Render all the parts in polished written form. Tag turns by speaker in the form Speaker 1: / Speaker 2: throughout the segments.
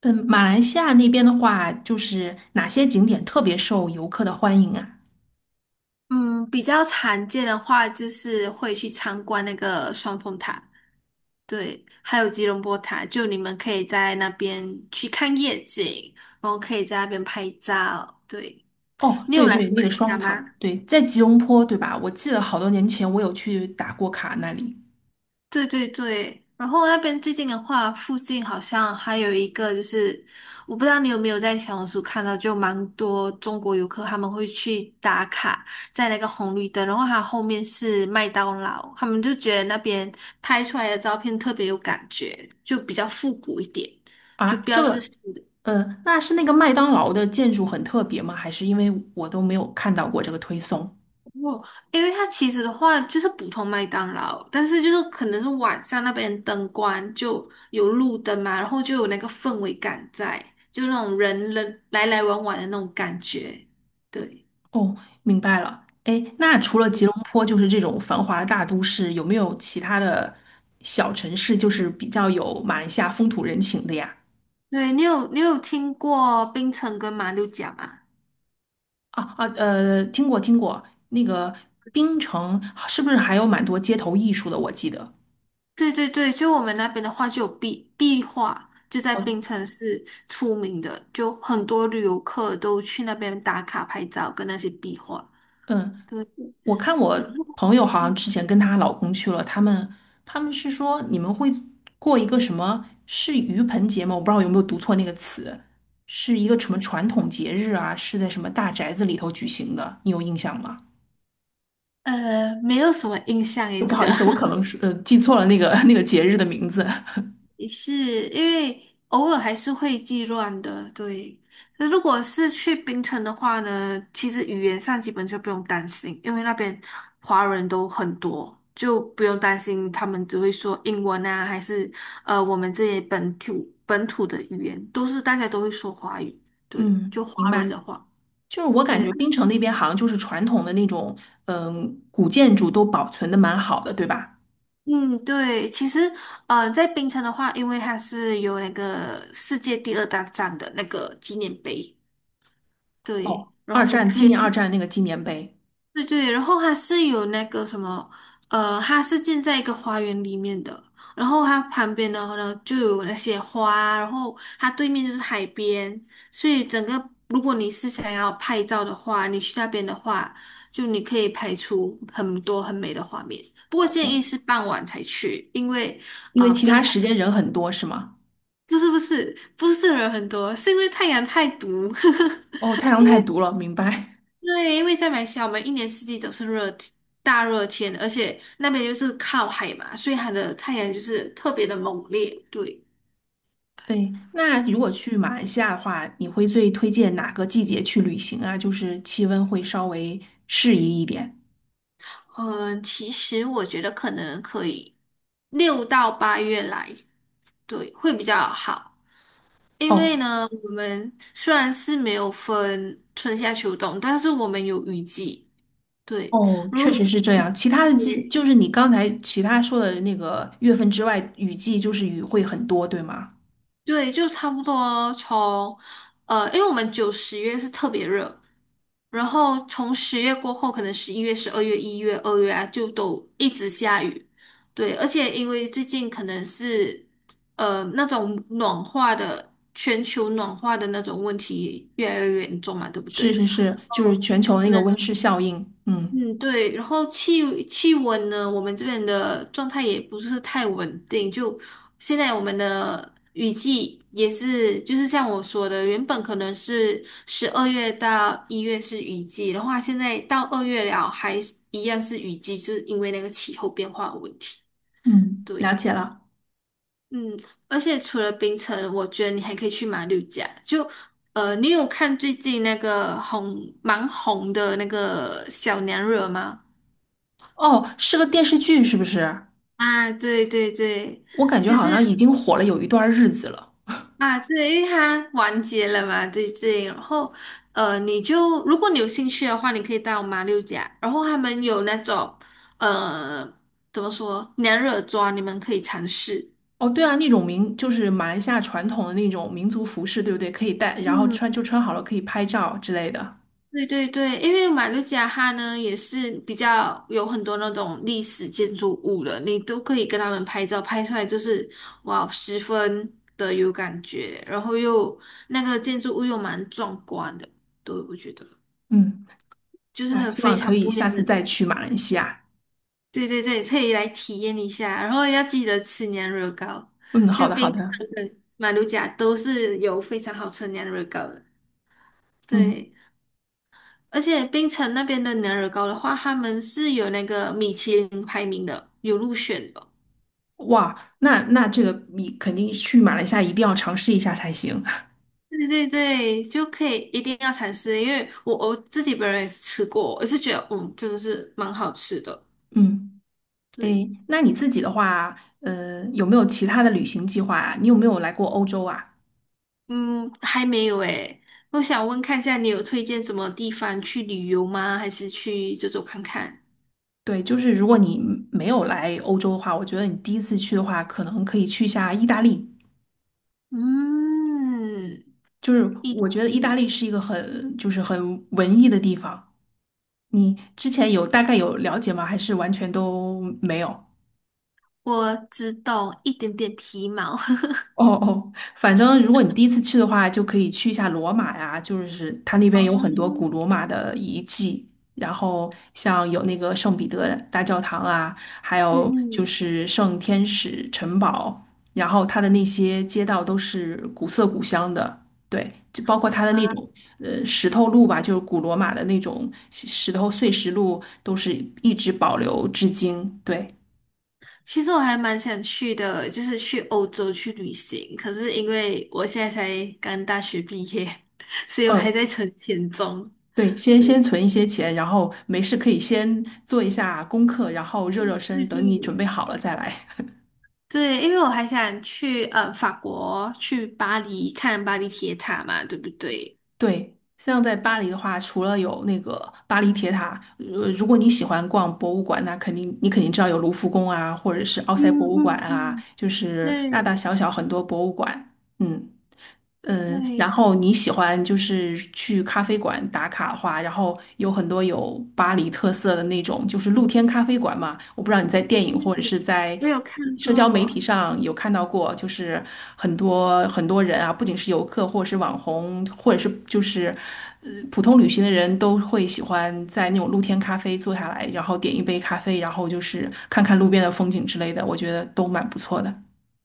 Speaker 1: 嗯，马来西亚那边的话，就是哪些景点特别受游客的欢迎啊？
Speaker 2: 嗯，比较常见的话就是会去参观那个双峰塔。对，还有吉隆坡塔，就你们可以在那边去看夜景，然后可以在那边拍照。对，
Speaker 1: 哦，
Speaker 2: 你有
Speaker 1: 对
Speaker 2: 来
Speaker 1: 对，
Speaker 2: 过
Speaker 1: 那
Speaker 2: 马
Speaker 1: 个
Speaker 2: 来西
Speaker 1: 双
Speaker 2: 亚吗？
Speaker 1: 塔，对，在吉隆坡，对吧？我记得好多年前我有去打过卡那里
Speaker 2: 对对对，然后那边最近的话，附近好像还有一个，就是我不知道你有没有在小红书看到，就蛮多中国游客他们会去打卡在那个红绿灯，然后它后面是麦当劳，他们就觉得那边拍出来的照片特别有感觉，就比较复古一点，就
Speaker 1: 啊。这
Speaker 2: 标志
Speaker 1: 个，
Speaker 2: 性的。
Speaker 1: 那是那个麦当劳的建筑很特别吗？还是因为我都没有看到过这个推送？
Speaker 2: 哦，因为它其实的话就是普通麦当劳，但是就是可能是晚上那边灯光就有路灯嘛，然后就有那个氛围感在，就那种人人来来往往的那种感觉。对。
Speaker 1: 哦，明白了。哎，那除了吉
Speaker 2: 嗯，
Speaker 1: 隆坡，就是这种繁华的大都市，有没有其他的小城市，就是比较有马来西亚风土人情的呀？
Speaker 2: 对，你有听过槟城跟马六甲吗？
Speaker 1: 听过听过，那个槟城是不是还有蛮多街头艺术的？我记得，
Speaker 2: 对对对，就我们那边的话就有壁画，就在
Speaker 1: 哦
Speaker 2: 槟城是出名的，就很多旅游客都去那边打卡拍照跟那些壁画。
Speaker 1: 嗯，
Speaker 2: 对。
Speaker 1: 我看我朋友好像之
Speaker 2: 嗯。
Speaker 1: 前跟她老公去了，他们是说你们会过一个什么是盂盆节吗？我不知道有没有读错那个词，是一个什么传统节日啊？是在什么大宅子里头举行的？你有印象吗？
Speaker 2: 没有什么印象诶，
Speaker 1: 不
Speaker 2: 这
Speaker 1: 好
Speaker 2: 个
Speaker 1: 意思，我可能是记错了那个 那个节日的名字。
Speaker 2: 也是因为偶尔还是会记乱的。对。那如果是去槟城的话呢，其实语言上基本就不用担心，因为那边华人都很多，就不用担心他们只会说英文啊，还是我们这些本土的语言，都是大家都会说华语。对，
Speaker 1: 嗯，
Speaker 2: 就
Speaker 1: 明
Speaker 2: 华人
Speaker 1: 白。
Speaker 2: 的话。
Speaker 1: 就是我感
Speaker 2: 对，
Speaker 1: 觉槟城那边好像就是传统的那种，嗯，古建筑都保存的蛮好的，对吧？
Speaker 2: 嗯，对，其实，在槟城的话，因为它是有那个世界第二大站的那个纪念碑。
Speaker 1: 哦，
Speaker 2: 对，然
Speaker 1: 二
Speaker 2: 后你
Speaker 1: 战纪
Speaker 2: 可以
Speaker 1: 念二战那个纪念碑。
Speaker 2: 对对，然后它是有那个什么，它是建在一个花园里面的，然后它旁边的话呢就有那些花，然后它对面就是海边，所以整个如果你是想要拍照的话，你去那边的话，就你可以拍出很多很美的画面。不过建议
Speaker 1: 哦，
Speaker 2: 是傍晚才去。因为
Speaker 1: 因
Speaker 2: 啊、
Speaker 1: 为
Speaker 2: 呃
Speaker 1: 其
Speaker 2: 冰
Speaker 1: 他
Speaker 2: 城
Speaker 1: 时间人很多，是吗？
Speaker 2: 不是不是不是人很多，是因为太阳太毒。
Speaker 1: 哦，太阳太毒了，明白。
Speaker 2: 对，因为在马来西亚，我们一年四季都是热天大热天，而且那边就是靠海嘛，所以它的太阳就是特别的猛烈。对，
Speaker 1: 对，那如果去马来西亚的话，你会最推荐哪个季节去旅行啊？就是气温会稍微适宜一点。
Speaker 2: 嗯，其实我觉得可能可以6到8月来，对，会比较好。因为
Speaker 1: 哦
Speaker 2: 呢，我们虽然是没有分春夏秋冬，但是我们有雨季。对，
Speaker 1: 哦，
Speaker 2: 如
Speaker 1: 确实是这样。其他的季，
Speaker 2: 对，
Speaker 1: 就是你刚才其他说的那个月份之外，雨季就是雨会很多，对吗？
Speaker 2: 对，就差不多从因为我们九十月是特别热，然后从10月过后，可能11月、12月、1月、2月啊，就都一直下雨。对，而且因为最近可能是那种暖化的全球暖化的那种问题越来越严重嘛，对不
Speaker 1: 是
Speaker 2: 对？
Speaker 1: 是是，就是全球那个温室效应。嗯
Speaker 2: 嗯，对，然后气温呢，我们这边的状态也不是太稳定。就现在我们的雨季也是，就是像我说的，原本可能是12月到1月是雨季的话，现在到二月了还是一样是雨季，就是因为那个气候变化的问题。
Speaker 1: 嗯，了
Speaker 2: 对。
Speaker 1: 解了。
Speaker 2: 嗯，而且除了槟城，我觉得你还可以去马六甲。就你有看最近那个蛮红的那个小娘惹吗？
Speaker 1: 哦，是个电视剧是不是？
Speaker 2: 啊，对对对，
Speaker 1: 我感觉
Speaker 2: 就
Speaker 1: 好像
Speaker 2: 是
Speaker 1: 已经火了有一段日子了。
Speaker 2: 啊，对，因为它完结了嘛，对对。然后你就如果你有兴趣的话，你可以到马六甲，然后他们有那种呃，怎么说娘惹妆，你们可以尝试。
Speaker 1: 哦，对啊，那种民就是马来西亚传统的那种民族服饰，对不对？可以带，然后穿
Speaker 2: 嗯。
Speaker 1: 就穿好了，可以拍照之类的。
Speaker 2: 对对对，因为马六甲它呢也是比较有很多那种历史建筑物了，你都可以跟他们拍照，拍出来就是哇，十分的有感觉，然后又那个建筑物又蛮壮观的。对，我觉得
Speaker 1: 嗯，
Speaker 2: 就是
Speaker 1: 那
Speaker 2: 很
Speaker 1: 希
Speaker 2: 非
Speaker 1: 望可
Speaker 2: 常
Speaker 1: 以
Speaker 2: 不一样
Speaker 1: 下次
Speaker 2: 的。
Speaker 1: 再去马来西亚。
Speaker 2: 对对对，可以来体验一下，然后要记得吃年惹糕，
Speaker 1: 嗯，
Speaker 2: 就
Speaker 1: 好的好
Speaker 2: 冰城
Speaker 1: 的。
Speaker 2: 跟马六甲都是有非常好吃年娘惹糕的。
Speaker 1: 嗯，
Speaker 2: 对。而且槟城那边的牛耳糕的话，他们是有那个米其林排名的，有入选的。
Speaker 1: 哇，那那这个你肯定去马来西亚一定要尝试一下才行。
Speaker 2: 对对对，就可以一定要尝试，因为我自己本人也是吃过，我也是觉得嗯，真的是蛮好吃的。
Speaker 1: 嗯。诶，
Speaker 2: 对，
Speaker 1: 那你自己的话，有没有其他的旅行计划啊？你有没有来过欧洲啊？
Speaker 2: 嗯，还没有诶，我想问看一下，你有推荐什么地方去旅游吗？还是去走走看看？
Speaker 1: 对，就是如果你没有来欧洲的话，我觉得你第一次去的话，可能可以去一下意大利。
Speaker 2: 嗯，
Speaker 1: 就是
Speaker 2: 一
Speaker 1: 我
Speaker 2: 点
Speaker 1: 觉得意大
Speaker 2: 点
Speaker 1: 利是一个很，就是很文艺的地方。你之前有大概有了解吗？还是完全都没有？
Speaker 2: 我只懂一点点皮毛。
Speaker 1: 哦哦，反正如果你第一次去的话，就可以去一下罗马呀，就是它那
Speaker 2: 哦，
Speaker 1: 边有很多古罗马的遗迹，然后像有那个圣彼得大教堂啊，还
Speaker 2: 嗯
Speaker 1: 有就
Speaker 2: 嗯，
Speaker 1: 是圣天使城堡，然后它的那些街道都是古色古香的，对，就包括它的那
Speaker 2: 哇。
Speaker 1: 种石头路吧，就是古罗马的那种石头碎石路，都是一直保留至今，对。
Speaker 2: 其实我还蛮想去的，就是去欧洲去旅行。可是因为我现在才刚大学毕业，所以我还
Speaker 1: 嗯，
Speaker 2: 在存钱中。
Speaker 1: 对，先存一些钱，然后没事可以先做一下功课，然后热热身，
Speaker 2: 对
Speaker 1: 等你准
Speaker 2: 对
Speaker 1: 备好了再来。
Speaker 2: 对，因为我还想去法国，去巴黎看巴黎铁塔嘛，对不对？
Speaker 1: 对，像在巴黎的话，除了有那个巴黎铁塔，如果你喜欢逛博物馆，那肯定知道有卢浮宫啊，或者是奥
Speaker 2: 嗯
Speaker 1: 赛博物馆
Speaker 2: 嗯
Speaker 1: 啊，
Speaker 2: 嗯，
Speaker 1: 就是大大
Speaker 2: 对
Speaker 1: 小小很多博物馆。嗯。嗯，然
Speaker 2: 对
Speaker 1: 后你喜欢就是去咖啡馆打卡的话，然后有很多有巴黎特色的那种，就是露天咖啡馆嘛。我不知道你在电影或者是
Speaker 2: 对，
Speaker 1: 在
Speaker 2: 我有看
Speaker 1: 社交媒体
Speaker 2: 过。
Speaker 1: 上有看到过，就是很多很多人啊，不仅是游客或者是网红，或者是就是普通旅行的人都会喜欢在那种露天咖啡坐下来，然后点一杯咖啡，然后就是看看路边的风景之类的，我觉得都蛮不错的。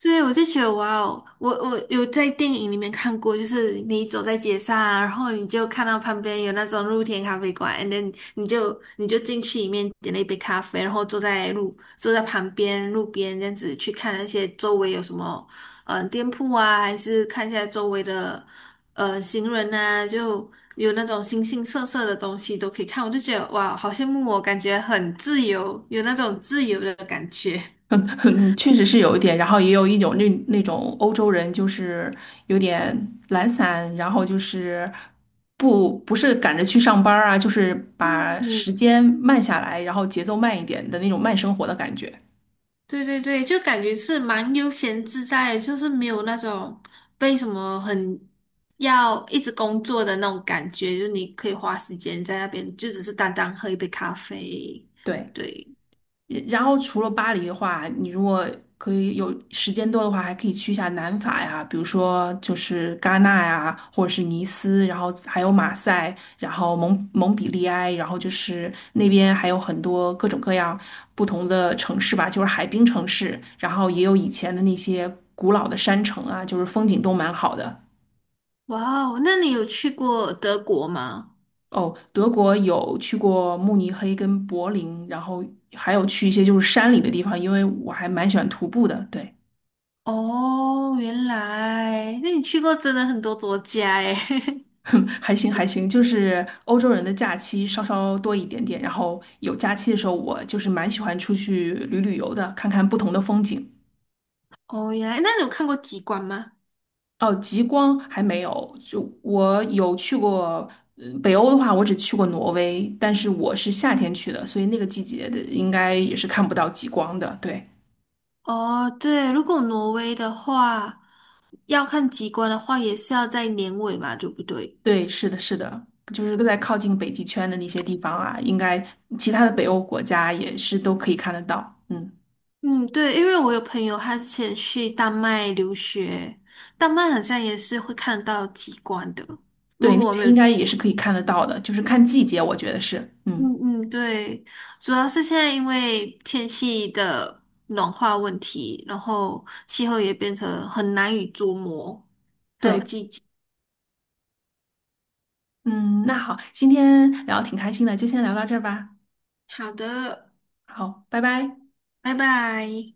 Speaker 2: 对，我就觉得哇哦，我有在电影里面看过，就是你走在街上啊，然后你就看到旁边有那种露天咖啡馆，and then 你就进去里面点了一杯咖啡，然后坐在旁边路边这样子去看那些周围有什么店铺啊，还是看一下周围的行人啊，就有那种形形色色的东西都可以看，我就觉得哇，好羡慕我，感觉很自由，有那种自由的感觉。
Speaker 1: 嗯，确实是有一点，然后也有一种那那种欧洲人，就是有点懒散，然后就是不是赶着去上班儿啊，就是把时间慢下来，然后节奏慢一点的那种慢生活的感觉。
Speaker 2: 对对对，就感觉是蛮悠闲自在的，就是没有那种被什么很要一直工作的那种感觉，就你可以花时间在那边，就只是单单喝一杯咖啡。
Speaker 1: 对。
Speaker 2: 对，
Speaker 1: 然后除了巴黎的话，你如果可以有时间多的话，还可以去一下南法呀，比如说就是戛纳呀，或者是尼斯，然后还有马赛，然后蒙彼利埃，然后就是那边还有很多各种各样不同的城市吧，就是海滨城市，然后也有以前的那些古老的山城啊，就是风景都蛮好的。
Speaker 2: 哇哦，那你有去过德国吗？
Speaker 1: 哦，德国有去过慕尼黑跟柏林，然后还有去一些就是山里的地方，因为我还蛮喜欢徒步的，对。
Speaker 2: 哦，原来，那你去过真的很多国家诶。
Speaker 1: 还行还行，就是欧洲人的假期稍稍多一点点，然后有假期的时候，我就是蛮喜欢出去旅旅游的，看看不同的风景。
Speaker 2: 哦，原来，那你有看过极光吗？
Speaker 1: 哦，极光还没有，就我有去过，北欧的话，我只去过挪威，但是我是夏天
Speaker 2: 嗯，
Speaker 1: 去的，所以那个季节的应该也是看不到极光的。对
Speaker 2: 哦，对，如果挪威的话，要看极光的话，也是要在年尾嘛，对不对？
Speaker 1: 对，是的，是的，就是在靠近北极圈的那些地方啊，应该其他的北欧国家也是都可以看得到。嗯。
Speaker 2: 嗯，对，因为我有朋友，他之前去丹麦留学，丹麦好像也是会看到极光的。
Speaker 1: 对，
Speaker 2: 如
Speaker 1: 那
Speaker 2: 果我没
Speaker 1: 边应
Speaker 2: 有，
Speaker 1: 该也是可以看得到的，就是看季节，我觉得是，嗯，
Speaker 2: 嗯嗯，对，主要是现在因为天气的暖化问题，然后气候也变成很难以捉摸，还有
Speaker 1: 对，
Speaker 2: 季节。
Speaker 1: 嗯，那好，今天聊得挺开心的，就先聊到这儿吧，
Speaker 2: 好的，
Speaker 1: 好，拜拜。
Speaker 2: 拜拜。